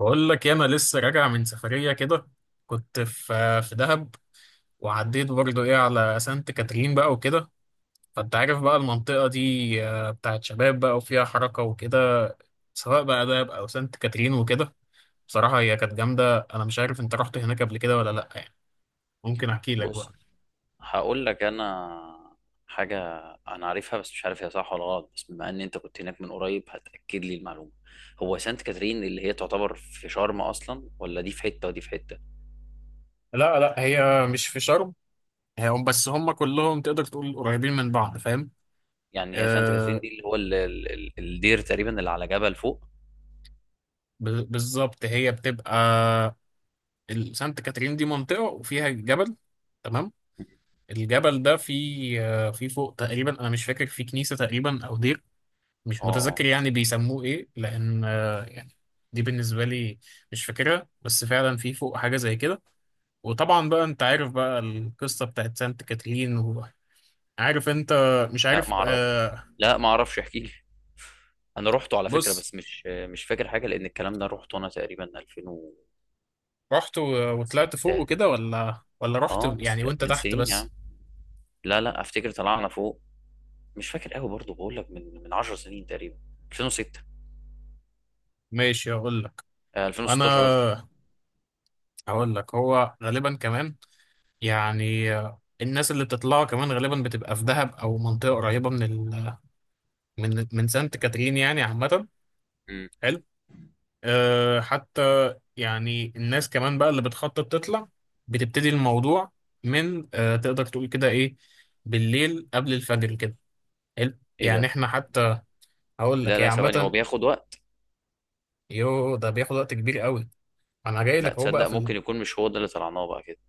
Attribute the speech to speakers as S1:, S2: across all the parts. S1: بقول لك يا، انا لسه راجع من سفريه كده. كنت في دهب، وعديت برضو ايه على سانت كاترين بقى وكده. فانت عارف بقى المنطقه دي، بتاعت شباب بقى وفيها حركه وكده، سواء بقى دهب او سانت كاترين وكده. بصراحه هي كانت جامده. انا مش عارف انت رحت هناك قبل كده ولا لا، يعني ممكن احكي لك بقى.
S2: بص، هقول لك انا حاجه انا عارفها بس مش عارف هي صح ولا غلط، بس بما ان انت كنت هناك من قريب هتاكد لي المعلومه. هو سانت كاترين اللي هي تعتبر في شرم اصلا ولا دي في حته ودي في حته؟
S1: لا، لا، هي مش في شرم. هم بس هم كلهم تقدر تقول قريبين من بعض، فاهم؟
S2: يعني هي سانت كاترين
S1: آه،
S2: دي اللي هو الدير تقريبا اللي على جبل فوق؟
S1: بالظبط. هي بتبقى، سانت كاترين دي منطقة وفيها جبل. تمام. الجبل ده فيه، فيه فوق تقريبا، أنا مش فاكر، فيه كنيسة تقريبا أو دير. مش
S2: اه اه.
S1: متذكر يعني بيسموه إيه، لأن يعني، دي بالنسبة لي مش فاكرها. بس فعلا فيه فوق حاجة زي كده. وطبعا بقى أنت عارف بقى القصة بتاعت سانت كاترين، وعارف أنت مش
S2: لا
S1: عارف.
S2: ما اعرف، لا ما اعرفش احكي لي. انا روحته على فكره
S1: بص،
S2: بس مش فاكر حاجه لان الكلام ده روحته انا تقريبا 2006.
S1: رحت و- وطلعت فوق وكده، ولا رحت
S2: اه بس
S1: يعني وأنت
S2: من
S1: تحت
S2: سنين يا عم.
S1: بس؟
S2: لا لا افتكر طلعنا فوق، مش فاكر قوي برضه بقول لك من 10 سنين تقريبا. 2006.
S1: ماشي، أقول لك.
S2: آه 2016 قصدي.
S1: أنا هقول لك، هو غالبا كمان يعني، الناس اللي بتطلعوا كمان غالبا بتبقى في دهب او منطقه قريبه من ال، من سانت كاترين يعني عامه.
S2: مم.
S1: حلو. حتى يعني، الناس كمان بقى اللي بتخطط تطلع بتبتدي الموضوع من تقدر تقول كده ايه، بالليل قبل الفجر كده. حلو
S2: ايه
S1: يعني
S2: ده؟
S1: احنا حتى. هقول
S2: لا
S1: لك هي
S2: لا ثواني هو
S1: عامه.
S2: بياخد وقت.
S1: ده بياخد وقت كبير قوي. انا جاي
S2: لا
S1: لك اهو بقى
S2: تصدق
S1: في ال...
S2: ممكن يكون مش هو ده اللي طلعناه بقى كده.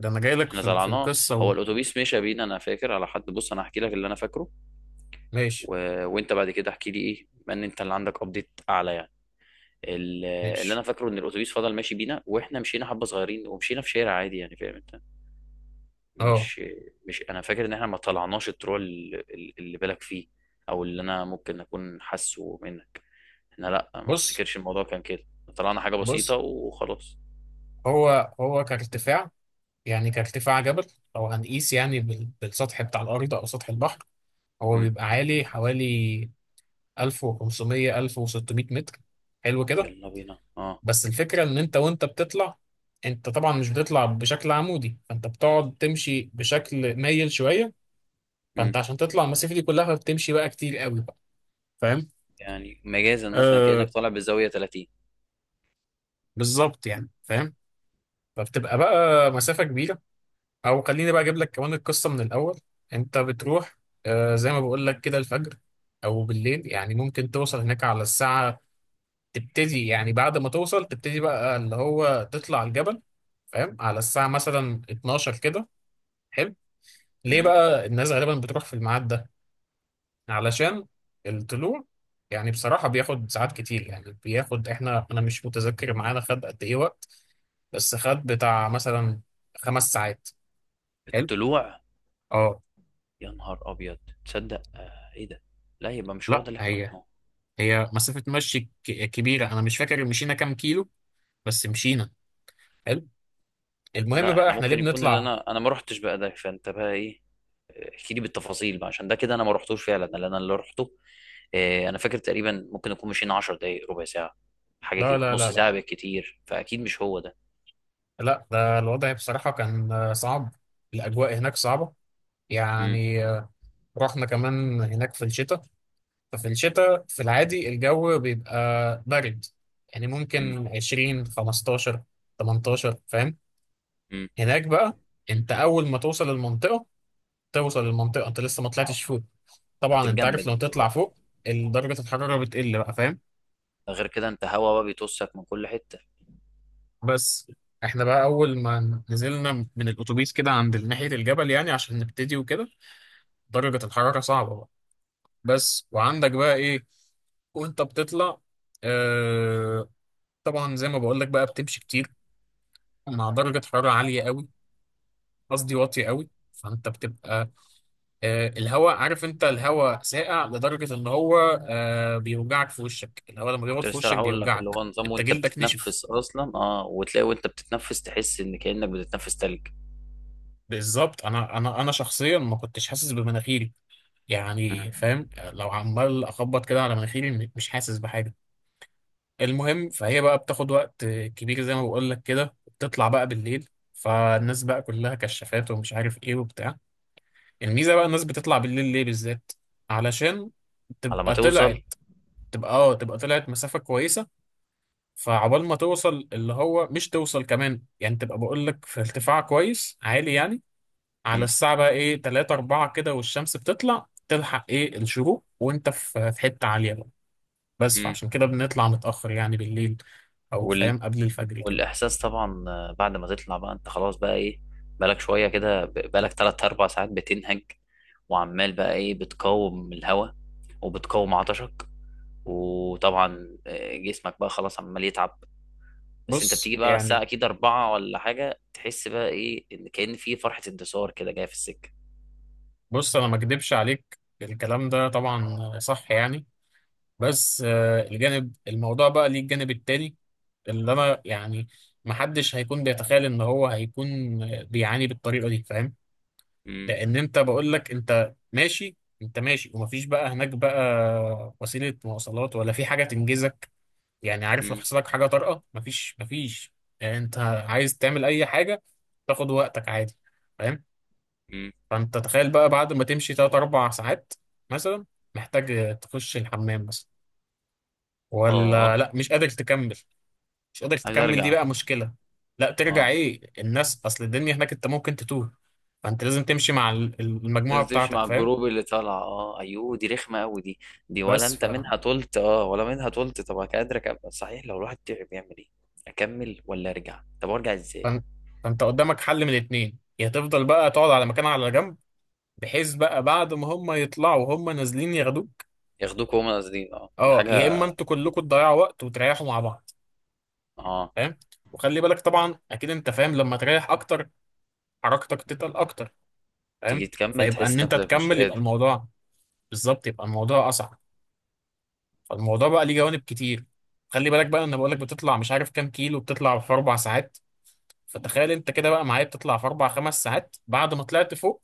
S1: ده انا جاي لك
S2: احنا
S1: في
S2: طلعناه،
S1: القصه
S2: هو
S1: و...
S2: الاتوبيس مشى بينا انا فاكر على حد، بص انا هحكي لك اللي انا فاكره.
S1: ماشي،
S2: و... وانت بعد كده احكي لي ايه بما ان انت اللي عندك ابديت اعلى يعني. ال- اللي
S1: ماشي.
S2: انا فاكره ان الاتوبيس فضل ماشي بينا واحنا مشينا حبه صغيرين ومشينا في شارع عادي يعني فاهم انت؟
S1: اه،
S2: مش مش انا فاكر ان احنا ما طلعناش الطرق اللي اللي بالك فيه او اللي انا ممكن اكون حاسه منها. احنا لا ما
S1: بص،
S2: افتكرش الموضوع كان كده، طلعنا حاجة بسيطة
S1: بص
S2: وخلاص.
S1: هو كارتفاع، يعني كارتفاع جبل. لو هنقيس يعني بالسطح بتاع الأرض أو سطح البحر، هو
S2: مم.
S1: بيبقى عالي حوالي 1500 1600 متر. حلو كده.
S2: يلا بينا اه.
S1: بس الفكرة إن أنت بتطلع. أنت طبعا مش بتطلع بشكل عمودي، فأنت بتقعد تمشي بشكل مايل شوية.
S2: مم.
S1: فأنت عشان تطلع المسافة دي كلها فبتمشي بقى كتير قوي بقى، فاهم؟
S2: يعني مجازا مثلا
S1: آه.
S2: كأنك طالع بالزاوية 30.
S1: بالظبط يعني، فاهم؟ فبتبقى بقى مسافة كبيرة. او خليني بقى اجيب لك كمان القصه من الاول. انت بتروح، زي ما بقول لك كده، الفجر او بالليل يعني، ممكن توصل هناك على الساعه. تبتدي يعني بعد ما توصل تبتدي بقى اللي هو تطلع الجبل، فاهم، على الساعه مثلا 12 كده. حلو. ليه
S2: مم.
S1: بقى الناس غالبا بتروح في الميعاد ده؟ علشان الطلوع يعني بصراحه بياخد ساعات كتير، يعني بياخد، احنا انا مش متذكر معانا خد قد ايه وقت، بس خد بتاع مثلا 5 ساعات. حلو.
S2: الطلوع.
S1: اه.
S2: يا نهار ابيض، تصدق آه ايه ده؟ لا يبقى مش هو
S1: لا،
S2: ده اللي احنا
S1: هي
S2: رحناه.
S1: هي مسافة مشي كبيرة. أنا مش فاكر مشينا كام كيلو، بس مشينا. حلو. المهم
S2: لا
S1: بقى،
S2: احنا
S1: إحنا ليه
S2: ممكن يكون اللي
S1: بنطلع؟
S2: انا ما رحتش بقى ده، فانت بقى ايه احكي لي بالتفاصيل بقى عشان ده كده، انا ما رحتوش فعلا لان انا اللي رحته. آه انا فاكر تقريبا ممكن نكون مشينا 10 دقايق، ربع ساعة، حاجة
S1: لا،
S2: كده
S1: لا،
S2: نص
S1: لا، لا.
S2: ساعة بالكتير، فاكيد مش هو ده.
S1: لا، ده الوضع بصراحة كان صعب. الأجواء هناك صعبة
S2: مم.
S1: يعني، رحنا كمان هناك في الشتاء. ففي الشتاء في العادي الجو بيبقى برد، يعني
S2: مم.
S1: ممكن 20 15 18، فاهم؟
S2: مم.
S1: هناك بقى، أنت أول ما توصل المنطقة، توصل المنطقة أنت لسه ما طلعتش فوق. طبعا انت عارف
S2: هتتجمد
S1: لو
S2: انت.
S1: تطلع فوق، درجة الحرارة بتقل بقى، فاهم؟
S2: غير كده انت هوا بقى بيتوسك من كل حته.
S1: بس احنا بقى اول ما نزلنا من الاتوبيس كده عند ناحية الجبل يعني عشان نبتدي وكده، درجة الحرارة صعبة بقى. بس وعندك بقى ايه، وانت بتطلع، آه طبعا زي ما بقول لك بقى بتمشي كتير مع درجة حرارة عالية قوي، قصدي واطية قوي. فانت بتبقى، الهواء، عارف انت الهواء ساقع لدرجة ان هو، بيوجعك في وشك. الهواء لما بيقعد
S2: كنت
S1: في
S2: لسه
S1: وشك
S2: راح اقول لك اللي
S1: بيوجعك.
S2: هو نظام
S1: انت
S2: وانت
S1: جلدك نشف.
S2: بتتنفس اصلا، اه وتلاقي وانت بتتنفس تحس ان كانك بتتنفس تلج.
S1: بالظبط. انا شخصيا ما كنتش حاسس بمناخيري،
S2: مم.
S1: يعني فاهم، لو عمال اخبط كده على مناخيري مش حاسس بحاجه. المهم فهي بقى بتاخد وقت كبير، زي ما بقول لك كده بتطلع بقى بالليل، فالناس بقى كلها كشافات ومش عارف ايه وبتاع. الميزه بقى الناس بتطلع بالليل ليه بالذات؟ علشان
S2: على ما
S1: تبقى طلعت،
S2: توصل.
S1: تبقى، تبقى طلعت مسافه كويسه. فعقبال ما توصل، اللي هو مش توصل كمان يعني، تبقى بقول لك في ارتفاع كويس عالي يعني، على
S2: مم.
S1: الساعة بقى ايه، تلاتة أربعة كده، والشمس بتطلع تلحق ايه الشروق، وانت في حتة عالية بقى. بس
S2: مم.
S1: فعشان كده بنطلع متأخر يعني بالليل، أو
S2: وال...
S1: فاهم قبل الفجر كده.
S2: والاحساس طبعا، آه، بعد ما تطلع بقى انت خلاص بقى ايه، بقالك شويه كده بقالك 3 4 ساعات بتنهج، وعمال بقى ايه بتقاوم الهواء، وبتقاوم عطشك، وطبعا آه، جسمك بقى خلاص عمال يتعب. بس انت
S1: بص
S2: بتيجي بقى الساعة
S1: يعني،
S2: اكيد اربعة ولا حاجة، تحس بقى ايه ان كأن في فرحة انتصار كده جاية في السكة.
S1: بص، أنا ما أكدبش عليك، الكلام ده طبعا صح يعني. بس الجانب الموضوع بقى ليه الجانب التاني، اللي أنا يعني محدش هيكون بيتخيل إن هو هيكون بيعاني بالطريقة دي، فاهم؟
S2: مم.
S1: لان انت بقول لك انت ماشي. انت ماشي ومفيش بقى هناك بقى وسيله مواصلات ولا في حاجه تنجزك، يعني عارف لو
S2: مم.
S1: حصل لك حاجه طارئه، مفيش، مفيش. يعني انت عايز تعمل اي حاجه، تاخد وقتك عادي، فاهم؟
S2: مم.
S1: فانت تخيل بقى بعد ما تمشي 3 4 ساعات مثلا، محتاج تخش الحمام مثلا، ولا
S2: اه
S1: لا مش قادر تكمل. مش قادر
S2: عايز
S1: تكمل، دي
S2: ارجع.
S1: بقى مشكله. لا، ترجع
S2: اه
S1: ايه، الناس، اصل الدنيا هناك انت ممكن تتوه. فانت لازم تمشي مع المجموعه
S2: لازم تمشي
S1: بتاعتك،
S2: مع
S1: فاهم؟
S2: الجروب اللي طالعة، اه ايوه دي رخمة قوي دي. دي ولا
S1: بس
S2: انت منها طولت؟ اه ولا منها طولت. طب قادر اكمل صحيح، لو الواحد تعب يعمل ايه؟ اكمل ولا ارجع؟ طب ارجع ازاي؟
S1: فانت فانت قدامك حل من الاتنين، يا تفضل بقى تقعد على مكان على جنب، بحيث بقى بعد ما هم يطلعوا هم نازلين ياخدوك،
S2: ياخدوك هما قاصدين؟ اه دي
S1: اه، يا اما
S2: حاجة.
S1: انتوا كلكم تضيعوا وقت وتريحوا مع بعض،
S2: اه
S1: فاهم؟ وخلي بالك طبعا، اكيد انت فاهم، لما تريح اكتر حركتك تتقل اكتر،
S2: تيجي
S1: فاهم؟
S2: تكمل
S1: فيبقى ان
S2: تحس
S1: انت
S2: نفسك مش
S1: تكمل يبقى
S2: قادر.
S1: الموضوع... بالظبط، يبقى الموضوع اصعب. فالموضوع بقى ليه جوانب كتير. خلي بالك بقى، انا بقول لك بتطلع مش عارف كام كيلو، بتطلع في 4 ساعات. فتخيل انت كده بقى معايا، بتطلع في 4 5 ساعات. بعد ما طلعت فوق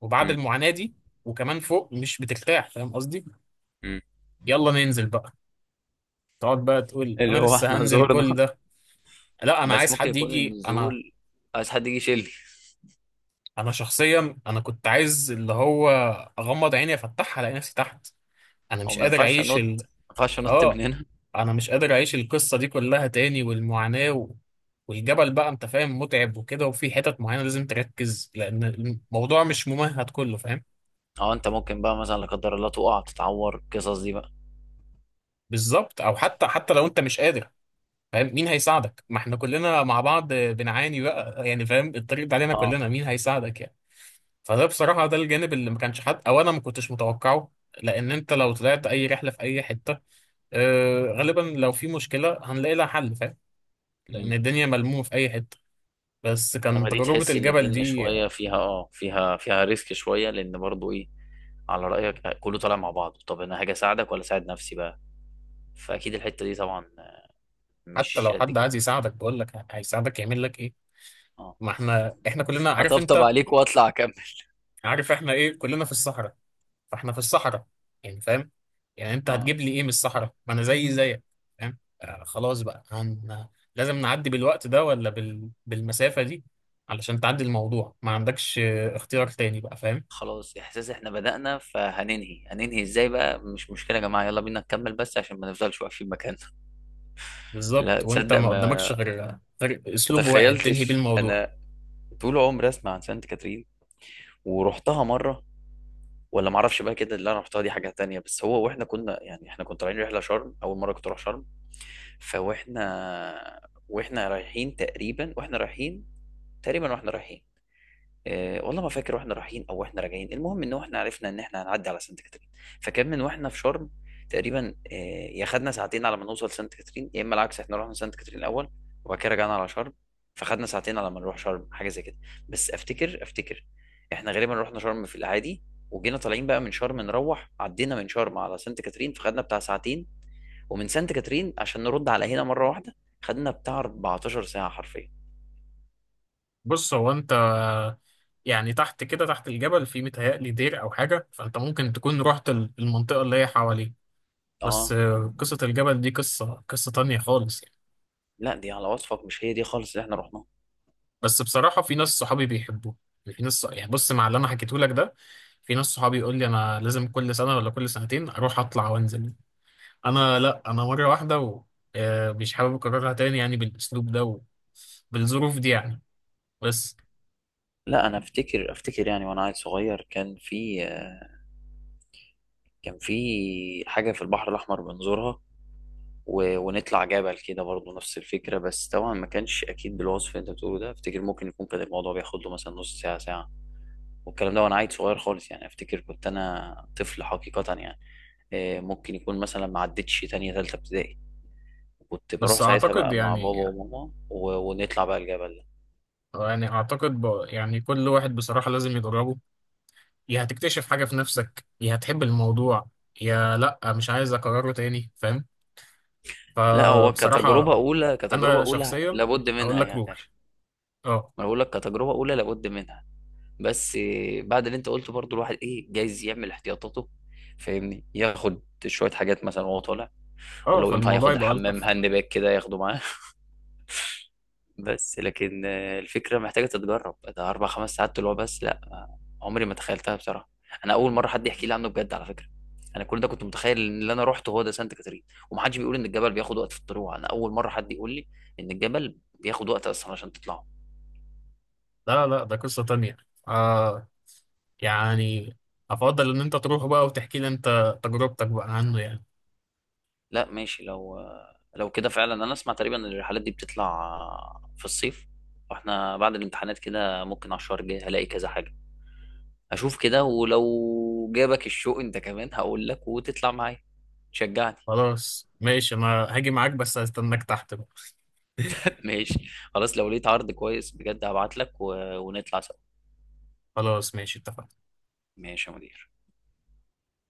S1: وبعد
S2: مم.
S1: المعاناة دي، وكمان فوق مش بترتاح، فاهم قصدي؟
S2: مم.
S1: يلا ننزل بقى. تقعد بقى تقول، انا
S2: اللي هو
S1: لسه
S2: احنا
S1: هنزل
S2: زورنا.
S1: كل ده! لا، انا
S2: بس
S1: عايز
S2: ممكن
S1: حد
S2: يكون
S1: يجي. انا،
S2: النزول عايز حد يجي يشيل،
S1: انا شخصيا، كنت عايز اللي هو اغمض عيني افتحها الاقي نفسي تحت. انا
S2: او
S1: مش
S2: ما
S1: قادر
S2: ينفعش انط،
S1: اعيش ال...
S2: ما ينفعش انط من
S1: اه.
S2: هنا.
S1: انا مش قادر اعيش القصة دي كلها تاني والمعاناة و... والجبل بقى انت فاهم متعب وكده، وفي حتت معينة لازم تركز، لان الموضوع مش ممهد كله، فاهم؟
S2: اه. انت ممكن بقى مثلا لا قدر الله تقع تتعور القصص دي بقى.
S1: بالظبط. او حتى لو انت مش قادر، فاهم مين هيساعدك؟ ما احنا كلنا مع بعض بنعاني بقى يعني، فاهم؟ الطريق ده علينا
S2: اه.
S1: كلنا، مين هيساعدك يعني؟ فده بصراحة ده الجانب اللي ما كانش حد، او انا ما كنتش متوقعه. لان انت لو طلعت اي رحلة في اي حتة، غالبا لو في مشكلة هنلاقي لها حل، فاهم؟
S2: مم.
S1: لان الدنيا ملمومة في اي حتة. بس كان
S2: انما دي
S1: تجربة
S2: تحس ان
S1: الجبل
S2: الدنيا
S1: دي.
S2: شويه فيها اه فيها فيها ريسك شويه، لان برضو ايه على رايك كله طالع مع بعض، طب انا هاجي اساعدك ولا اساعد نفسي بقى، فاكيد الحته دي طبعا
S1: حتى
S2: مش
S1: لو
S2: قد
S1: حد
S2: كده.
S1: عايز يساعدك، بقول لك هيساعدك يعمل لك ايه؟
S2: اه
S1: ما احنا كلنا، عارف
S2: هطبطب
S1: انت،
S2: عليك واطلع اكمل.
S1: عارف احنا ايه، كلنا في الصحراء. فاحنا في الصحراء، يعني فاهم، يعني انت هتجيب
S2: اه.
S1: لي ايه من الصحراء؟ ما انا زي زيك، فاهم؟ خلاص بقى، هن... لازم نعدي بالوقت ده ولا بال... بالمسافة دي، علشان تعدي الموضوع ما عندكش اختيار تاني بقى، فاهم؟
S2: خلاص احساس احنا بدأنا فهننهي، هننهي ازاي بقى، مش مشكله يا جماعه يلا بينا نكمل بس عشان ما نفضلش واقفين مكاننا. لا
S1: بالظبط، وانت
S2: تصدق،
S1: ما قدامكش
S2: ما
S1: غير
S2: ما
S1: اسلوب واحد تنهي بيه
S2: تخيلتش
S1: الموضوع.
S2: انا، طول عمري اسمع عن سانت كاترين ورحتها مره ولا معرفش بقى كده اللي انا رحتها دي حاجه تانية، بس هو واحنا كنا يعني احنا كنا طالعين رحله شرم، اول مره كنت اروح شرم. فواحنا واحنا رايحين تقريبا واحنا رايحين تقريبا واحنا رايحين، آه والله ما فاكر واحنا رايحين او واحنا راجعين، المهم ان احنا عرفنا ان احنا هنعدي على سانت كاترين. فكان من واحنا في شرم تقريبا آه، يا خدنا ساعتين على ما نوصل سانت كاترين، يا اما العكس احنا رحنا سانت كاترين الاول وبعد كده رجعنا على شرم، فخدنا ساعتين على ما نروح شرم حاجه زي كده. بس افتكر احنا غالبا رحنا شرم في الاعادي، وجينا طالعين بقى من شرم نروح، عدينا من شرم على سانت كاترين فخدنا بتاع ساعتين، ومن سانت كاترين عشان نرد على هنا مره واحده خدنا بتاع 14 ساعه حرفيا.
S1: بص، هو انت يعني تحت كده، تحت الجبل في متهيألي دير او حاجة، فانت ممكن تكون رحت المنطقة اللي هي حواليه. بس
S2: اه.
S1: قصة الجبل دي قصة تانية خالص يعني.
S2: لا دي على وصفك مش هي دي خالص اللي احنا رحناها.
S1: بس بصراحة في ناس صحابي بيحبوه. في ناس يعني، بص، مع اللي أنا حكيته لك ده، في ناس صحابي يقول لي أنا لازم كل سنة ولا كل سنتين أروح أطلع وأنزل. أنا لأ، أنا مرة واحدة و مش حابب أكررها تاني يعني بالأسلوب ده وبالظروف دي يعني. بس.
S2: لا انا افتكر يعني وانا عيل صغير، كان في حاجه في البحر الاحمر بنزورها، ونطلع جبل كده برضه نفس الفكره، بس طبعا ما كانش اكيد بالوصف اللي انت بتقوله ده، افتكر ممكن يكون كان الموضوع بياخد له مثلا نص ساعه ساعه، والكلام ده وانا عيل صغير خالص يعني افتكر كنت انا طفل حقيقه يعني. آه، ممكن يكون مثلا ما عدتش تانية تالتة ابتدائي، كنت
S1: بس
S2: بروح ساعتها
S1: أعتقد
S2: بقى مع بابا
S1: يعني،
S2: وماما، ونطلع بقى الجبل ده.
S1: يعني أعتقد ب... يعني كل واحد بصراحة لازم يجربه. يا هتكتشف حاجة في نفسك، يا هتحب الموضوع، يا لأ مش عايز أكرره تاني، فاهم؟
S2: لا هو كتجربه
S1: فبصراحة
S2: اولى، كتجربه
S1: أنا
S2: اولى
S1: شخصيا
S2: لابد
S1: هقول
S2: منها
S1: لك
S2: يعني.
S1: روح. اه.
S2: ما بقول لك كتجربه اولى لابد منها، بس بعد اللي انت قلته برضو الواحد ايه جايز يعمل احتياطاته، فاهمني، ياخد شويه حاجات مثلا وهو طالع.
S1: اه
S2: ولو ينفع
S1: فالموضوع
S2: ياخد
S1: يبقى
S2: الحمام
S1: ألطف.
S2: هاند باك كده ياخده معاه. بس لكن آه، الفكره محتاجه تتجرب، ده اربع خمس ساعات طلوع؟ بس لا، آه، عمري ما تخيلتها بصراحه، انا اول مره حد يحكي لي عنه بجد على فكره. انا كل ده كنت متخيل ان اللي انا روحته هو ده سانت كاترين، ومحدش بيقول ان الجبل بياخد وقت في الطلوع، انا اول مره حد يقول لي ان الجبل بياخد وقت اصلا عشان تطلع.
S1: لا، لا، ده قصة تانية. آه يعني، أفضل إن أنت تروح بقى وتحكي لي أنت تجربتك بقى عنه يعني.
S2: لا ماشي، لو كده فعلا انا اسمع تقريبا إن الرحلات دي بتطلع في الصيف، واحنا بعد الامتحانات كده ممكن على الشهر الجاي هلاقي كذا حاجة، اشوف كده ولو جابك الشوق انت كمان هقول لك وتطلع معايا تشجعني.
S1: خلاص ماشي، أنا هاجي معاك بس هستناك تحت بقى.
S2: ماشي، خلاص لو لقيت عرض كويس بجد هبعت لك ونطلع سوا.
S1: خلاص ماشي، اتفقنا.
S2: ماشي يا مدير.